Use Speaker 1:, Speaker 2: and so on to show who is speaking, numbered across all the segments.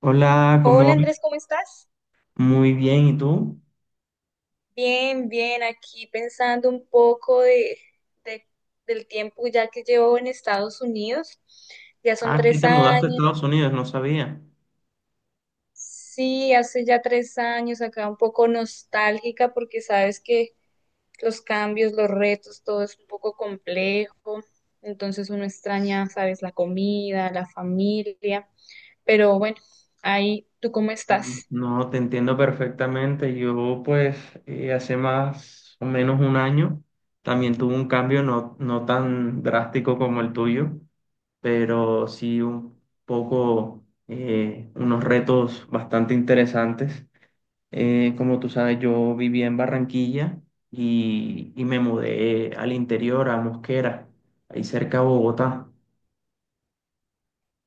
Speaker 1: Hola, ¿cómo
Speaker 2: Hola
Speaker 1: vas?
Speaker 2: Andrés, ¿cómo estás?
Speaker 1: Muy bien, ¿y tú?
Speaker 2: Bien, bien, aquí pensando un poco de- del tiempo ya que llevo en Estados Unidos. Ya son
Speaker 1: Ah, es que
Speaker 2: tres
Speaker 1: te mudaste a
Speaker 2: años.
Speaker 1: Estados Unidos, no sabía.
Speaker 2: Sí, hace ya 3 años, acá un poco nostálgica porque sabes que los cambios, los retos, todo es un poco complejo. Entonces uno extraña, sabes, la comida, la familia. Pero bueno, ahí, ¿tú cómo
Speaker 1: Ujú.
Speaker 2: estás?
Speaker 1: No, te entiendo perfectamente. Yo, pues, hace más o menos un año también tuve un cambio no tan drástico como el tuyo, pero sí un poco, unos retos bastante interesantes. Como tú sabes, yo vivía en Barranquilla y me mudé al interior, a Mosquera, ahí cerca de Bogotá.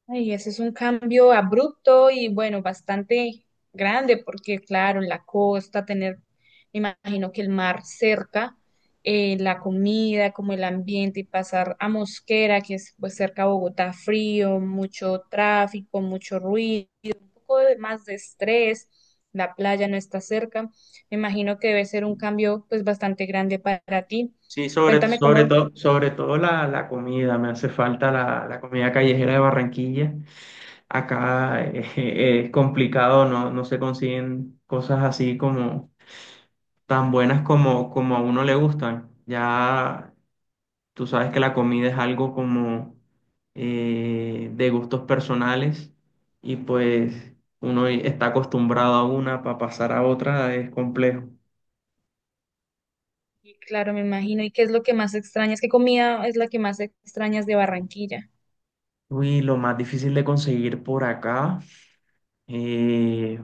Speaker 2: Ay, ese es un cambio abrupto y bueno, bastante grande porque claro, en la costa tener, me imagino que el mar cerca, la comida, como el ambiente, y pasar a Mosquera, que es pues cerca a Bogotá, frío, mucho tráfico, mucho ruido, un poco de, más de estrés, la playa no está cerca, me imagino que debe ser un cambio pues bastante grande para ti.
Speaker 1: Sí, sobre,
Speaker 2: Cuéntame
Speaker 1: sobre
Speaker 2: cómo.
Speaker 1: todo, sobre todo la comida, me hace falta la comida callejera de Barranquilla. Acá es complicado, no se consiguen cosas así como tan buenas como, como a uno le gustan. Ya tú sabes que la comida es algo como de gustos personales y pues uno está acostumbrado a una para pasar a otra es complejo.
Speaker 2: Y claro, me imagino. ¿Y qué es lo que más extrañas? ¿Qué comida es la que más extrañas de Barranquilla?
Speaker 1: Uy, lo más difícil de conseguir por acá. eh,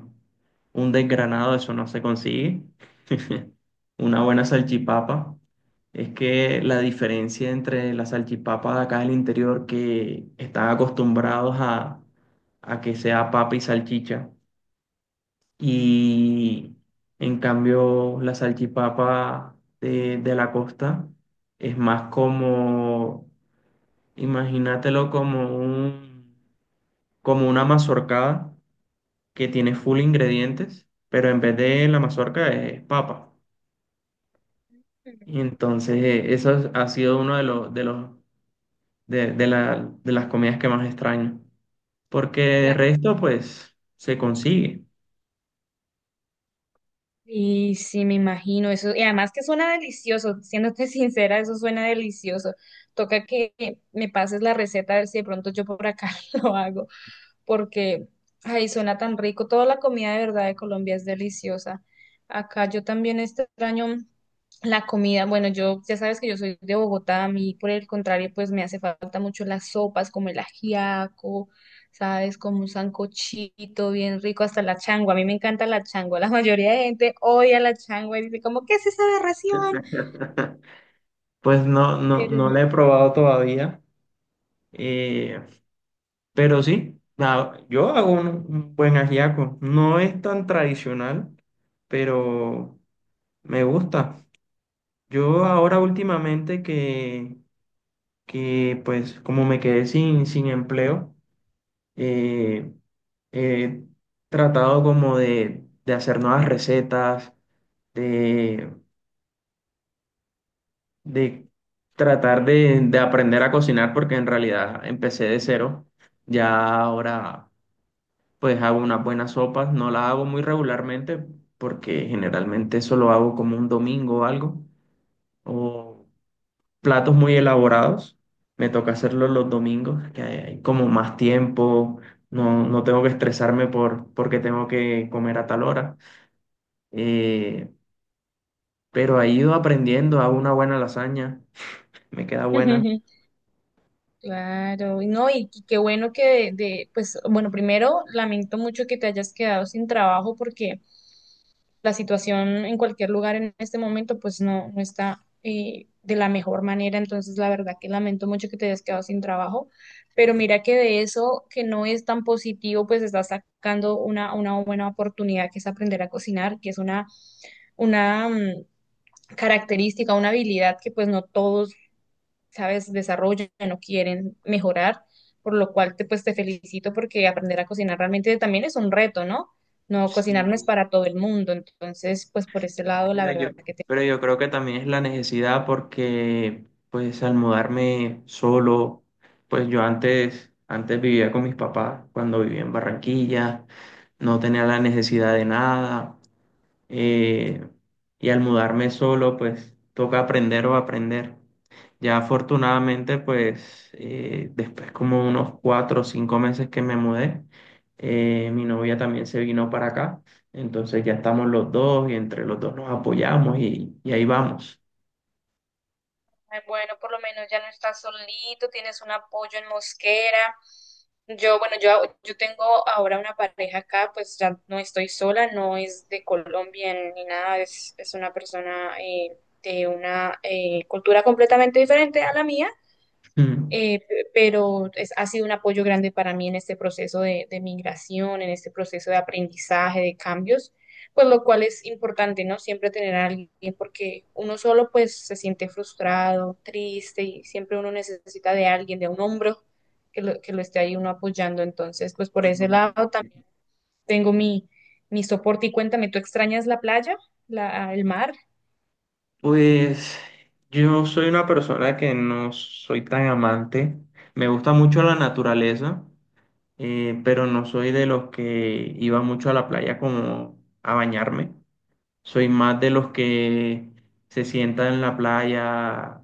Speaker 1: un desgranado, eso no se consigue. Una buena salchipapa. Es que la diferencia entre la salchipapa de acá del interior, que están acostumbrados a que sea papa y salchicha, y en cambio la salchipapa de la costa es más como, imagínatelo como un, como una mazorcada que tiene full ingredientes, pero en vez de la mazorca es papa.
Speaker 2: Ujú.
Speaker 1: Y entonces ha sido uno de de las comidas que más extraño, porque de resto pues se consigue.
Speaker 2: Y sí, me imagino eso. Y además que suena delicioso, siéndote sincera, eso suena delicioso. Toca que me pases la receta a ver si de pronto yo por acá lo hago, porque, ay, suena tan rico. Toda la comida de verdad de Colombia es deliciosa. Acá yo también extraño la comida. Bueno, yo ya sabes que yo soy de Bogotá, a mí por el contrario, pues me hace falta mucho las sopas, como el ajiaco, ¿sabes? Como un sancochito bien rico, hasta la changua. A mí me encanta la changua. La mayoría de gente odia la changua y dice como, ¿qué es esa aberración?
Speaker 1: Pues no no
Speaker 2: Pero,
Speaker 1: no la he probado todavía, eh, pero sí, nada, yo hago un buen ajiaco. No es tan tradicional, pero me gusta. Yo ahora últimamente que pues como me quedé sin empleo, eh, he tratado como de hacer nuevas recetas, de, de tratar de aprender a cocinar, porque en realidad empecé de cero. Ya ahora pues hago unas buenas sopas, no las hago muy regularmente, porque generalmente eso lo hago como un domingo o algo, o platos muy elaborados. Me toca hacerlo los domingos, que hay como más tiempo, no tengo que estresarme porque tengo que comer a tal hora. Eh, pero he ido aprendiendo, hago una buena lasaña, me queda buena.
Speaker 2: claro, y no, y qué bueno que pues, bueno, primero lamento mucho que te hayas quedado sin trabajo porque la situación en cualquier lugar en este momento pues no, no está de la mejor manera, entonces la verdad que lamento mucho que te hayas quedado sin trabajo, pero mira que de eso que no es tan positivo pues estás sacando una buena oportunidad que es aprender a cocinar, que es una, una característica, una habilidad que pues no todos, ¿sabes? Desarrollan, no quieren mejorar, por lo cual te, pues, te felicito porque aprender a cocinar realmente también es un reto, ¿no? No, cocinar no es
Speaker 1: Sí,
Speaker 2: para todo el mundo, entonces, pues por ese lado, la
Speaker 1: pero yo,
Speaker 2: verdad que te...
Speaker 1: pero yo creo que también es la necesidad porque pues al mudarme solo, pues yo antes vivía con mis papás cuando vivía en Barranquilla no tenía la necesidad de nada. eh, y al mudarme solo, pues toca aprender o aprender. Ya afortunadamente, pues después como unos cuatro o cinco meses que me mudé, mi novia también se vino para acá. Entonces ya estamos los dos y entre los dos nos apoyamos y ahí vamos.
Speaker 2: Ay, bueno, por lo menos ya no estás solito, tienes un apoyo en Mosquera. Yo, bueno, yo tengo ahora una pareja acá, pues ya no estoy sola, no es de Colombia ni nada, es una persona de una cultura completamente diferente a la mía,
Speaker 1: Mm.
Speaker 2: pero ha sido un apoyo grande para mí en este proceso de migración, en este proceso de aprendizaje, de cambios, pues lo cual es importante, ¿no? Siempre tener a alguien, porque uno solo pues se siente frustrado, triste, y siempre uno necesita de alguien, de un hombro que lo esté ahí uno apoyando. Entonces, pues por ese lado también tengo mi, mi soporte. Y cuéntame, ¿tú extrañas la playa, la, el mar?
Speaker 1: Pues yo soy una persona que no soy tan amante. Me gusta mucho la naturaleza. Pero no soy de los que iba mucho a la playa como a bañarme. Soy más de los que se sientan en la playa,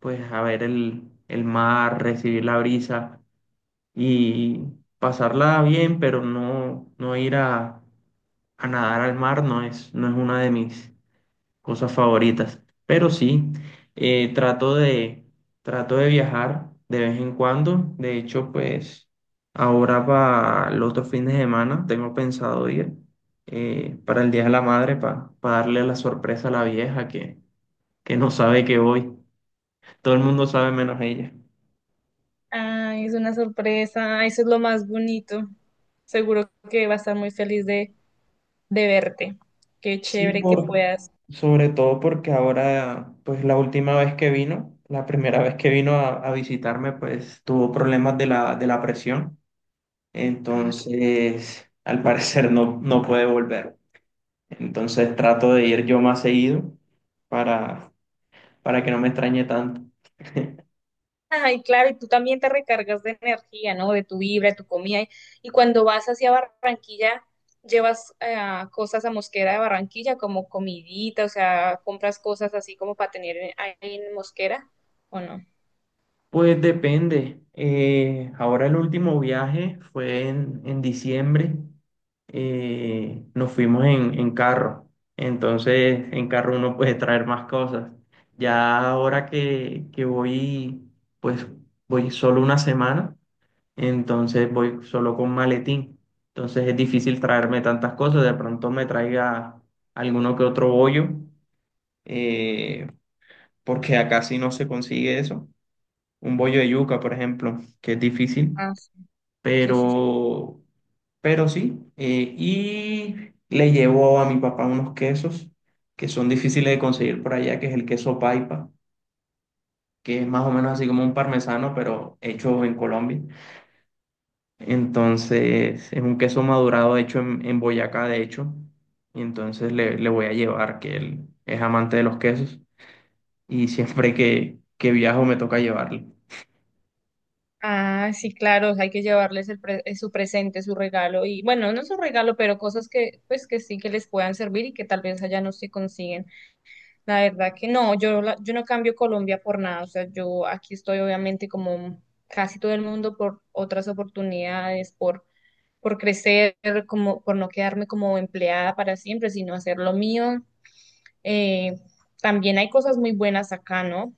Speaker 1: pues a ver el mar, recibir la brisa y pasarla bien, pero no ir a nadar al mar no es una de mis, cosas favoritas. Pero sí, eh, trato de, trato de viajar de vez en cuando. De hecho, pues ahora para los otros fines de semana tengo pensado ir para el Día de la Madre, para darle la sorpresa a la vieja que no sabe que voy. Todo el mundo sabe menos ella.
Speaker 2: Ay, es una sorpresa. Eso es lo más bonito. Seguro que va a estar muy feliz de verte. Qué
Speaker 1: Sí,
Speaker 2: chévere que
Speaker 1: por,
Speaker 2: puedas.
Speaker 1: sobre todo porque ahora, pues la última vez que vino, la primera vez que vino a visitarme, pues tuvo problemas de de la presión. Entonces, al parecer no puede volver. Entonces trato de ir yo más seguido para, para que no me extrañe tanto.
Speaker 2: Ay, claro, y tú también te recargas de energía, ¿no? De tu vibra, de tu comida. Y cuando vas hacia Barranquilla, llevas cosas a Mosquera de Barranquilla, como comidita, o sea, compras cosas así como para tener ahí en Mosquera, ¿o no?
Speaker 1: Pues depende. Ahora el último viaje fue en diciembre. Nos fuimos en carro. Entonces, en carro uno puede traer más cosas. Ya ahora que voy, pues voy solo una semana entonces voy solo con maletín. Entonces es difícil traerme tantas cosas, de pronto me traiga alguno que otro bollo, eh, porque acá sí no se consigue eso. Un bollo de yuca, por ejemplo, que es difícil,
Speaker 2: Ah, sí, sí, sí.
Speaker 1: pero, pero sí. Y le llevo a mi papá unos quesos que son difíciles de conseguir por allá, que es el queso paipa, que es más o menos así como un parmesano, pero hecho en Colombia. Entonces, es un queso madurado hecho en Boyacá, de hecho. Y entonces le voy a llevar, que él es amante de los quesos. Y siempre que viajo me toca llevarle.
Speaker 2: Ah, sí, claro, hay que llevarles el su presente, su regalo y bueno, no su regalo, pero cosas que pues que sí que les puedan servir y que tal vez allá no se consiguen. La verdad que no, yo yo no cambio Colombia por nada, o sea, yo aquí estoy obviamente como casi todo el mundo por otras oportunidades, por crecer, como por no quedarme como empleada para siempre, sino hacer lo mío. Eh, También hay cosas muy buenas acá, ¿no?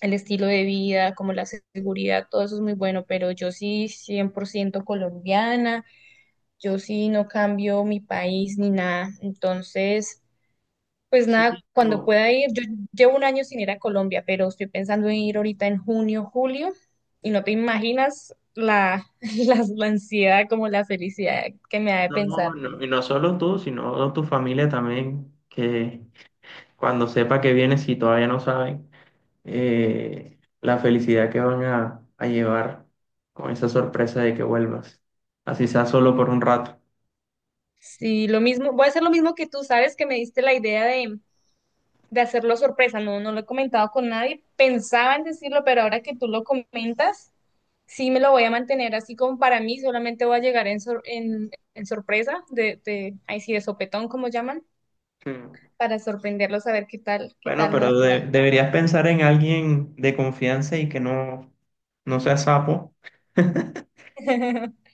Speaker 2: El estilo de vida, como la seguridad, todo eso es muy bueno, pero yo sí 100% colombiana, yo sí no cambio mi país ni nada, entonces, pues nada,
Speaker 1: Sí,
Speaker 2: cuando pueda ir, yo llevo un año sin ir a Colombia, pero estoy pensando en ir ahorita en junio, julio, y no te imaginas la, la ansiedad, como la felicidad que me da de pensar.
Speaker 1: no, y no solo tú, sino tu familia también, que cuando sepa que vienes, si todavía no saben, la felicidad que van a llevar con esa sorpresa de que vuelvas. Así sea solo por un rato.
Speaker 2: Sí, lo mismo, voy a hacer lo mismo que tú, sabes que me diste la idea de hacerlo sorpresa, no, no lo he comentado con nadie, pensaba en decirlo, pero ahora que tú lo comentas, sí me lo voy a mantener así como para mí, solamente voy a llegar en sorpresa, de, ahí sí, de sopetón, como llaman,
Speaker 1: Sí.
Speaker 2: para sorprenderlos a ver qué
Speaker 1: Bueno,
Speaker 2: tal nos
Speaker 1: pero
Speaker 2: va.
Speaker 1: deberías pensar en alguien de confianza y que no sea sapo,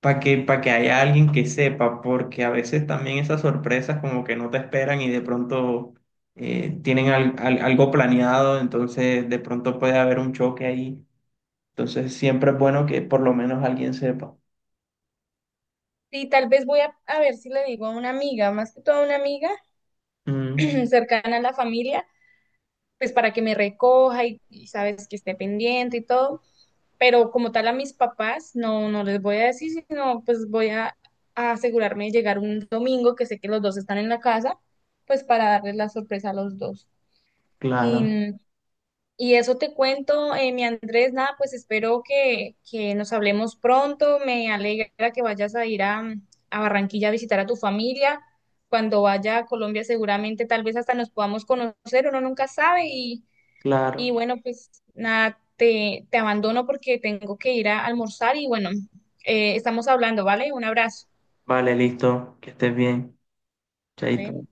Speaker 1: para que haya alguien que sepa, porque a veces también esas sorpresas como que no te esperan y de pronto tienen algo planeado, entonces de pronto puede haber un choque ahí. Entonces siempre es bueno que por lo menos alguien sepa.
Speaker 2: Sí, tal vez voy a ver si le digo a una amiga, más que todo a una amiga
Speaker 1: Mm,
Speaker 2: cercana a la familia, pues para que me recoja y, sabes que esté pendiente y todo, pero como tal a mis papás no, no les voy a decir, sino pues voy a asegurarme de llegar un domingo, que sé que los dos están en la casa, pues para darles la sorpresa a los dos. Y,
Speaker 1: claro,
Speaker 2: y eso te cuento, mi Andrés, nada, pues espero que nos hablemos pronto, me alegra que vayas a ir a Barranquilla a visitar a tu familia. Cuando vaya a Colombia, seguramente tal vez hasta nos podamos conocer, uno nunca sabe y
Speaker 1: claro.
Speaker 2: bueno, pues nada, te abandono porque tengo que ir a almorzar y bueno, estamos hablando, ¿vale? Un abrazo.
Speaker 1: Vale, listo, que estés bien.
Speaker 2: Vale.
Speaker 1: Chaito.